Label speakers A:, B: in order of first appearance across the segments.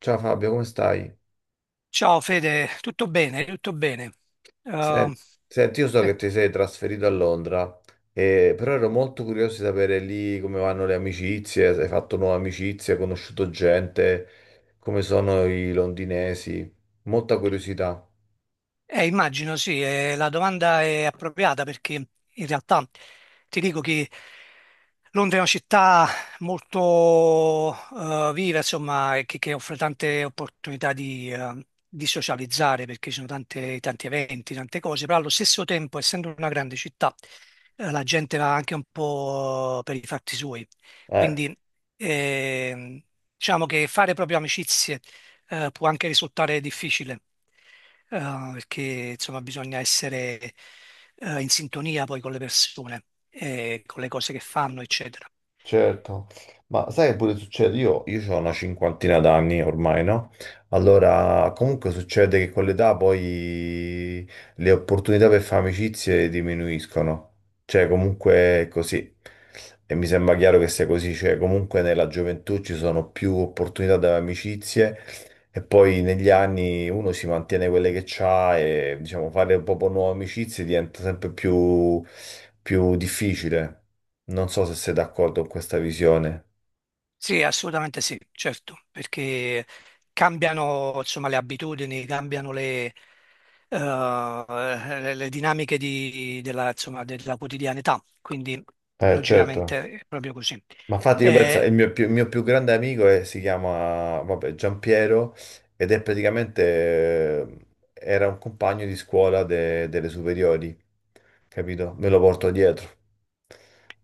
A: Ciao Fabio, come stai?
B: Ciao Fede, tutto bene, tutto bene.
A: Sen-
B: Eh,
A: Senti, io so che
B: sì.
A: ti sei trasferito a Londra, però ero molto curioso di sapere lì come vanno le amicizie, se hai fatto nuove amicizie, hai conosciuto gente, come sono i londinesi. Molta curiosità.
B: Immagino sì, la domanda è appropriata perché in realtà ti dico che Londra è una città molto viva, insomma, e che offre tante opportunità di socializzare perché ci sono tanti eventi, tante cose, però allo stesso tempo, essendo una grande città, la gente va anche un po' per i fatti suoi.
A: Eh.
B: Quindi ehm, diciamo che fare proprio amicizie può anche risultare difficile, eh, perché insomma bisogna essere in sintonia poi con le persone, e con le cose che fanno, eccetera.
A: Certo, ma sai che pure succede? Io ho una cinquantina d'anni ormai, no? Allora, comunque succede che con l'età poi le opportunità per fare amicizie diminuiscono. Cioè, comunque è così. E mi sembra chiaro che sia così. Cioè, comunque nella gioventù ci sono più opportunità da amicizie e poi negli anni uno si mantiene quelle che c'ha e, diciamo, fare proprio nuove amicizie diventa sempre più difficile. Non so se sei d'accordo con questa visione.
B: Sì, assolutamente sì, certo, perché cambiano insomma, le abitudini, cambiano le dinamiche insomma, della quotidianità, quindi
A: Certo.
B: logicamente è proprio così.
A: Ma infatti io penso,
B: Eh,
A: il mio più grande amico si chiama, vabbè, Giampiero ed è praticamente, eh, era un compagno di scuola delle superiori, capito? Me lo porto dietro.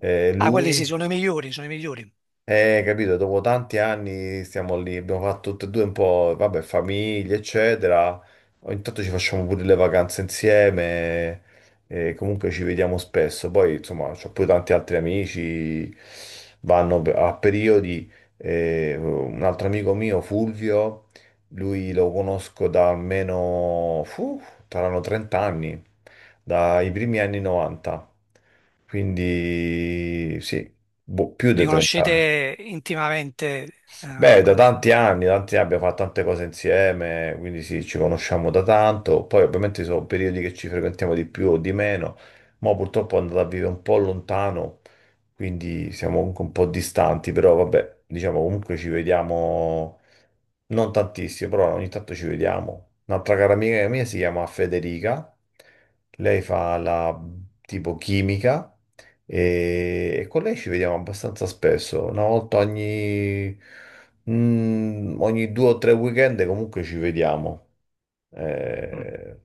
B: Ah, quelli sì,
A: Lui.
B: sono i migliori, sono i migliori.
A: Capito, dopo tanti anni stiamo lì, abbiamo fatto tutte e due un po', vabbè, famiglie, eccetera. Ogni tanto ci facciamo pure le vacanze insieme, e comunque ci vediamo spesso. Poi, insomma, ho pure tanti altri amici, vanno a periodi. Un altro amico mio, Fulvio, lui lo conosco da almeno, saranno 30 anni, dai primi anni 90. Quindi, sì, boh, più di
B: Vi
A: 30 anni.
B: conoscete intimamente,
A: Beh,
B: ecco,
A: da tanti anni abbiamo fatto tante cose insieme, quindi sì, ci conosciamo da tanto. Poi ovviamente ci sono periodi che ci frequentiamo di più o di meno, ma purtroppo è andata a vivere un po' lontano, quindi siamo comunque un po' distanti, però vabbè, diciamo comunque ci vediamo non tantissimo, però ogni tanto ci vediamo. Un'altra cara amica mia si chiama Federica, lei fa la tipo chimica. E con lei ci vediamo abbastanza spesso, una volta ogni, ogni due o tre weekend comunque ci vediamo. Eh,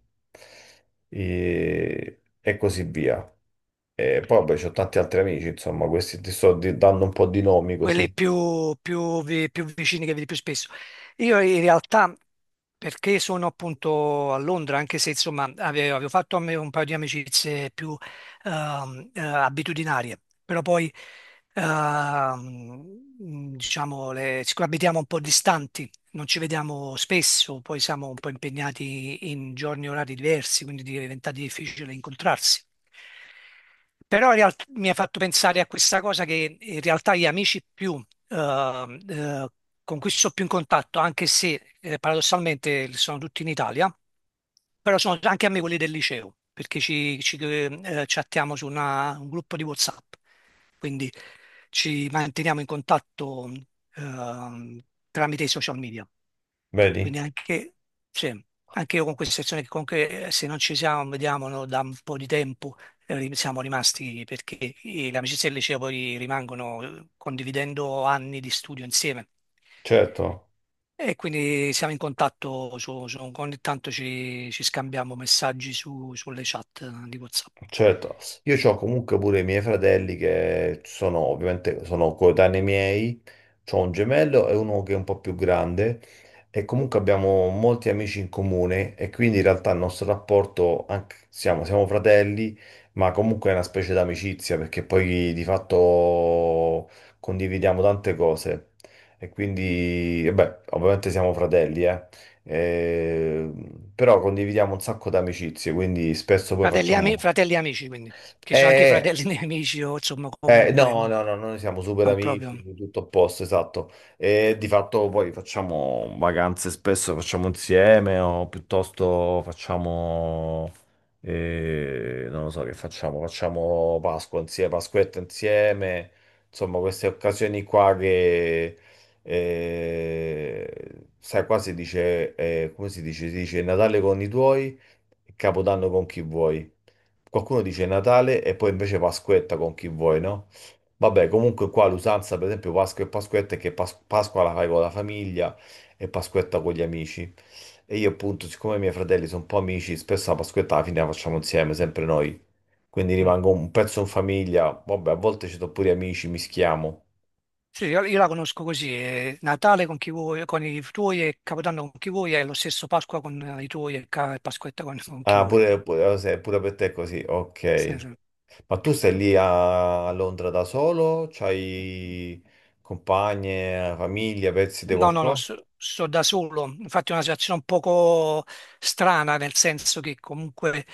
A: e così via. E poi vabbè, c'ho tanti altri amici, insomma, questi ti sto dando un po' di nomi così.
B: quelli più vicini che vedi più spesso. Io in realtà, perché sono appunto a Londra, anche se insomma avevo fatto a me un paio di amicizie più abitudinarie, però poi diciamo, siccome abitiamo un po' distanti, non ci vediamo spesso, poi siamo un po' impegnati in giorni e orari diversi, quindi diventa difficile incontrarsi. Però in realtà mi ha fatto pensare a questa cosa che in realtà gli amici eh, eh, con cui sto più in contatto, anche se paradossalmente sono tutti in Italia, però sono anche a me quelli del liceo, perché chattiamo su un gruppo di WhatsApp, quindi ci manteniamo in contatto ehm, tramite i social media.
A: Vedi?
B: Quindi anche, sì, anche io con questa situazione che comunque se non ci siamo, vediamo no, da un po' di tempo, siamo rimasti perché le amicizie del liceo poi rimangono, condividendo anni di studio insieme.
A: Certo.
B: E quindi siamo in contatto, ogni tanto ci scambiamo messaggi sulle chat di WhatsApp.
A: Certo, io ho comunque pure i miei fratelli che sono ovviamente sono coetanei miei, ho un gemello e uno che è un po' più grande e comunque abbiamo molti amici in comune e quindi in realtà il nostro rapporto, siamo, siamo fratelli, ma comunque è una specie d'amicizia perché poi di fatto condividiamo tante cose e quindi, e beh, ovviamente siamo fratelli, eh. Eh, però condividiamo un sacco d'amicizie, quindi spesso poi
B: Fratelli,
A: facciamo...
B: fratelli amici, quindi, che sono anche
A: Eh,
B: fratelli nemici o insomma comunque
A: no,
B: non,
A: no, no, noi siamo super
B: non proprio.
A: amici, tutto a posto, esatto. E di fatto poi facciamo vacanze spesso, facciamo insieme o piuttosto facciamo, non lo so che facciamo, facciamo Pasqua insieme, Pasquetta insieme, insomma queste occasioni qua che, sai, qua si dice, come si dice? Si dice Natale con i tuoi e Capodanno con chi vuoi. Qualcuno dice Natale e poi invece Pasquetta con chi vuoi, no? Vabbè, comunque qua l'usanza, per esempio, Pasqua e Pasquetta è che Pasqua la fai con la famiglia e Pasquetta con gli amici. E io appunto, siccome i miei fratelli sono un po' amici, spesso la Pasquetta alla fine la facciamo insieme, sempre noi. Quindi
B: Mm.
A: rimango un pezzo in famiglia, vabbè, a volte ci sono pure gli amici, mischiamo.
B: Sì, io la conosco così, Natale con chi vuoi, con i tuoi e Capodanno con chi vuoi, è lo stesso Pasqua con i tuoi e Pasquetta con chi vuoi.
A: Pure per te è così,
B: Sì,
A: ok.
B: sì.
A: Ma tu stai lì a Londra da solo? C'hai compagne, famiglia, pezzi di
B: No, no, no,
A: qualcosa?
B: sto da solo. Infatti è una situazione un poco strana, nel senso che comunque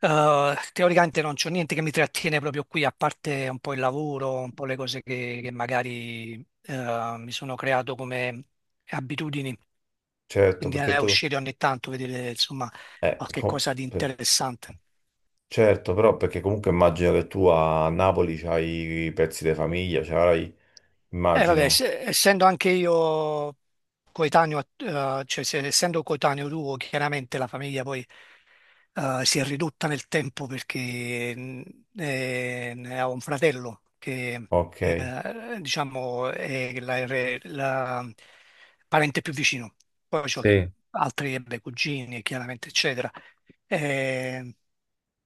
B: teoricamente non c'è niente che mi trattiene proprio qui, a parte un po' il lavoro, un po' le cose che magari mi sono creato come abitudini.
A: Certo,
B: Quindi
A: perché tu...
B: uscire ogni tanto, vedere insomma
A: eh,
B: qualche
A: com-
B: cosa di
A: per-
B: interessante.
A: Certo, però perché comunque immagino che tu a Napoli c'hai i pezzi di famiglia, c'hai...
B: Vabbè,
A: Immagino.
B: essendo anche io coetaneo, cioè, essendo coetaneo tuo, chiaramente la famiglia poi si è ridotta nel tempo perché ne ho un fratello che
A: Ok,
B: diciamo è la parente più vicino. Poi ho
A: sì,
B: altri beh, cugini, chiaramente, eccetera. Eh,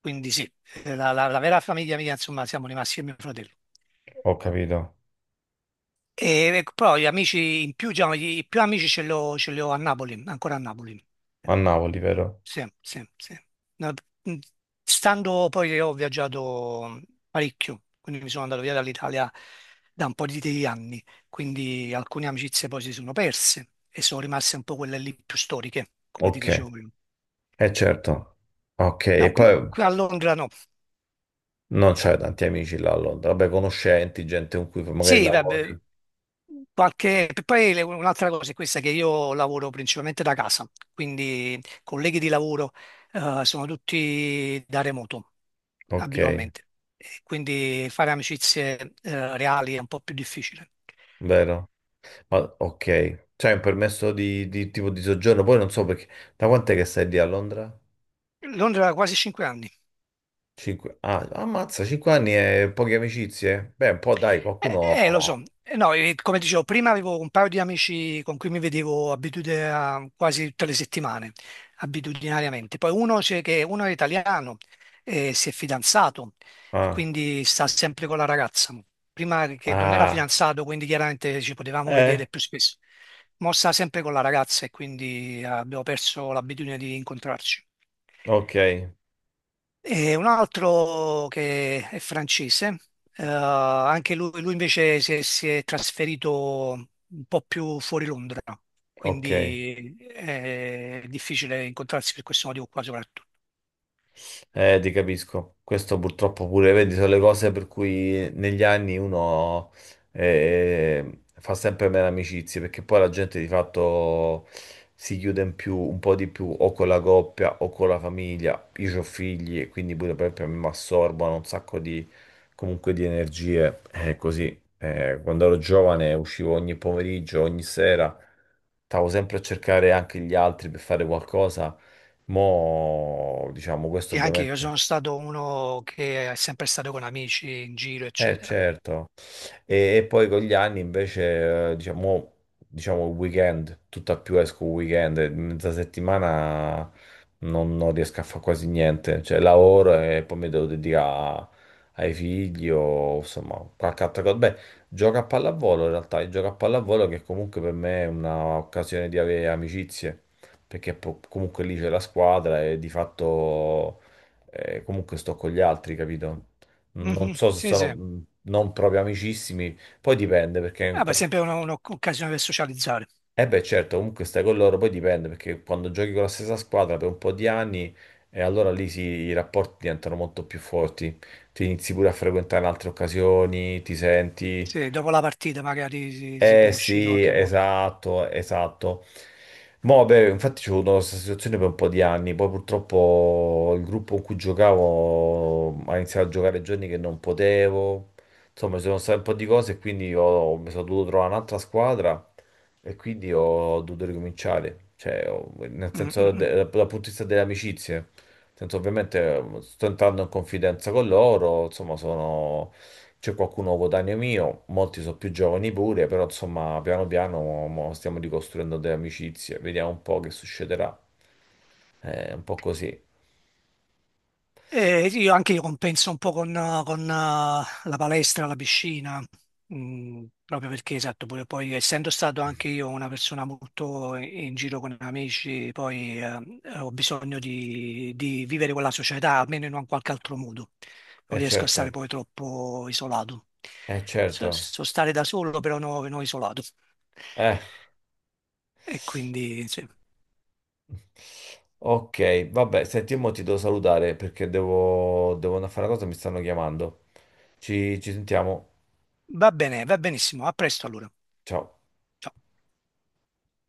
B: quindi sì, la vera famiglia mia, insomma, siamo rimasti io e mio fratello.
A: ho capito.
B: E ecco, però gli amici in più, diciamo, i più amici ce li ho a Napoli, ancora a Napoli.
A: A Napoli, vero?
B: Sì, sì, sì. No, mh, stando poi che ho viaggiato parecchio, quindi mi sono andato via dall'Italia da un po' di anni, quindi alcune amicizie poi si sono perse e sono rimaste un po' quelle lì più storiche, come ti
A: Ok,
B: dicevo prima.
A: è certo. Ok, e
B: No, qui,
A: poi...
B: qui a Londra no.
A: Non c'hai tanti amici là a Londra, vabbè, conoscenti, gente con cui magari
B: Sì, vabbè,
A: lavori.
B: qualche, poi un'altra cosa è questa che io lavoro principalmente da casa, quindi colleghi di lavoro sono tutti da remoto
A: Ok,
B: abitualmente. E quindi fare amicizie reali è un po' più difficile.
A: vero? Ma ok, c'hai un permesso di tipo di soggiorno, poi non so perché. Da quant'è che stai lì a Londra?
B: Londra da quasi 5 anni.
A: Cinque... Ah, ammazza, cinque anni e poche amicizie? Beh, un po' dai, qualcuno...
B: Lo so. No, come dicevo, prima avevo un paio di amici con cui mi vedevo quasi tutte le settimane, abitudinariamente. Poi uno è italiano, si è fidanzato e
A: Ah,
B: quindi sta sempre con la ragazza. Prima che non era
A: ah,
B: fidanzato, quindi chiaramente ci potevamo
A: eh,
B: vedere più spesso. Ma sta sempre con la ragazza e quindi abbiamo perso l'abitudine di incontrarci.
A: ok,
B: E un altro che è francese, anche lui, invece si è trasferito un po' più fuori Londra,
A: ok.
B: quindi è difficile incontrarsi per questo motivo qua soprattutto.
A: Ti capisco. Questo purtroppo pure, vedi, sono le cose per cui negli anni uno fa sempre meno amicizie, perché poi la gente di fatto si chiude in più, un po' di più, o con la coppia o con la famiglia. Io ho figli e quindi pure per esempio mi assorbono un sacco di, comunque di energie. È così. Quando ero giovane uscivo ogni pomeriggio, ogni sera, stavo sempre a cercare anche gli altri per fare qualcosa. Mo', diciamo, questo
B: E anche io
A: ovviamente.
B: sono stato uno che è sempre stato con amici in giro,
A: Eh
B: eccetera.
A: certo, e poi con gli anni invece, diciamo, diciamo il weekend, tutta più esco il weekend, e mezza settimana non riesco a fare quasi niente, cioè lavoro e poi mi devo dedicare a- ai figli o insomma qualche altra cosa. Beh, gioco a pallavolo in realtà, io gioco a pallavolo che comunque per me è un'occasione di avere amicizie, perché comunque lì c'è la squadra e di fatto comunque sto con gli altri, capito? Non
B: Mhm,
A: so se
B: sì,
A: sono
B: sì.
A: non proprio amicissimi, poi dipende perché...
B: Ah, beh, sempre un'occasione per socializzare.
A: Eh beh, certo, comunque stai con loro, poi dipende perché quando giochi con la stessa squadra per un po' di anni e allora lì sì, i rapporti diventano molto più forti, ti inizi pure a frequentare in altre occasioni, ti senti...
B: Sì, dopo la partita magari si
A: Eh
B: può uscire
A: sì,
B: qualche volta.
A: esatto, esatto. Mo, beh, infatti c'è avuto questa situazione per un po' di anni, poi purtroppo il gruppo con cui giocavo ha iniziato a giocare giorni che non potevo, insomma ci sono state un po' di cose e quindi mi sono dovuto trovare un'altra squadra e quindi ho dovuto ricominciare, cioè nel
B: Mm,
A: senso
B: mm, mm.
A: dal punto di vista delle amicizie, nel senso ovviamente sto entrando in confidenza con loro, insomma sono c'è qualcuno coetaneo mio, molti sono più giovani pure, però insomma piano piano mo stiamo ricostruendo delle amicizie, vediamo un po' che succederà. È un po' così.
B: Sì, io anche io compenso un po' con la palestra, la piscina, proprio perché, esatto, pure poi essendo stato anche io una persona molto in giro con amici, poi ho bisogno di vivere con la società, almeno in un qualche altro modo. Non
A: Eh
B: riesco a stare
A: certo,
B: poi troppo isolato.
A: eh certo.
B: So stare da solo, però non isolato.
A: Eh.
B: E quindi, sì.
A: Ok, vabbè, senti, mo ti devo salutare perché devo andare a fare una cosa, mi stanno chiamando. Ci sentiamo.
B: Va bene, va benissimo. A presto allora.
A: Ciao.
B: Ciao.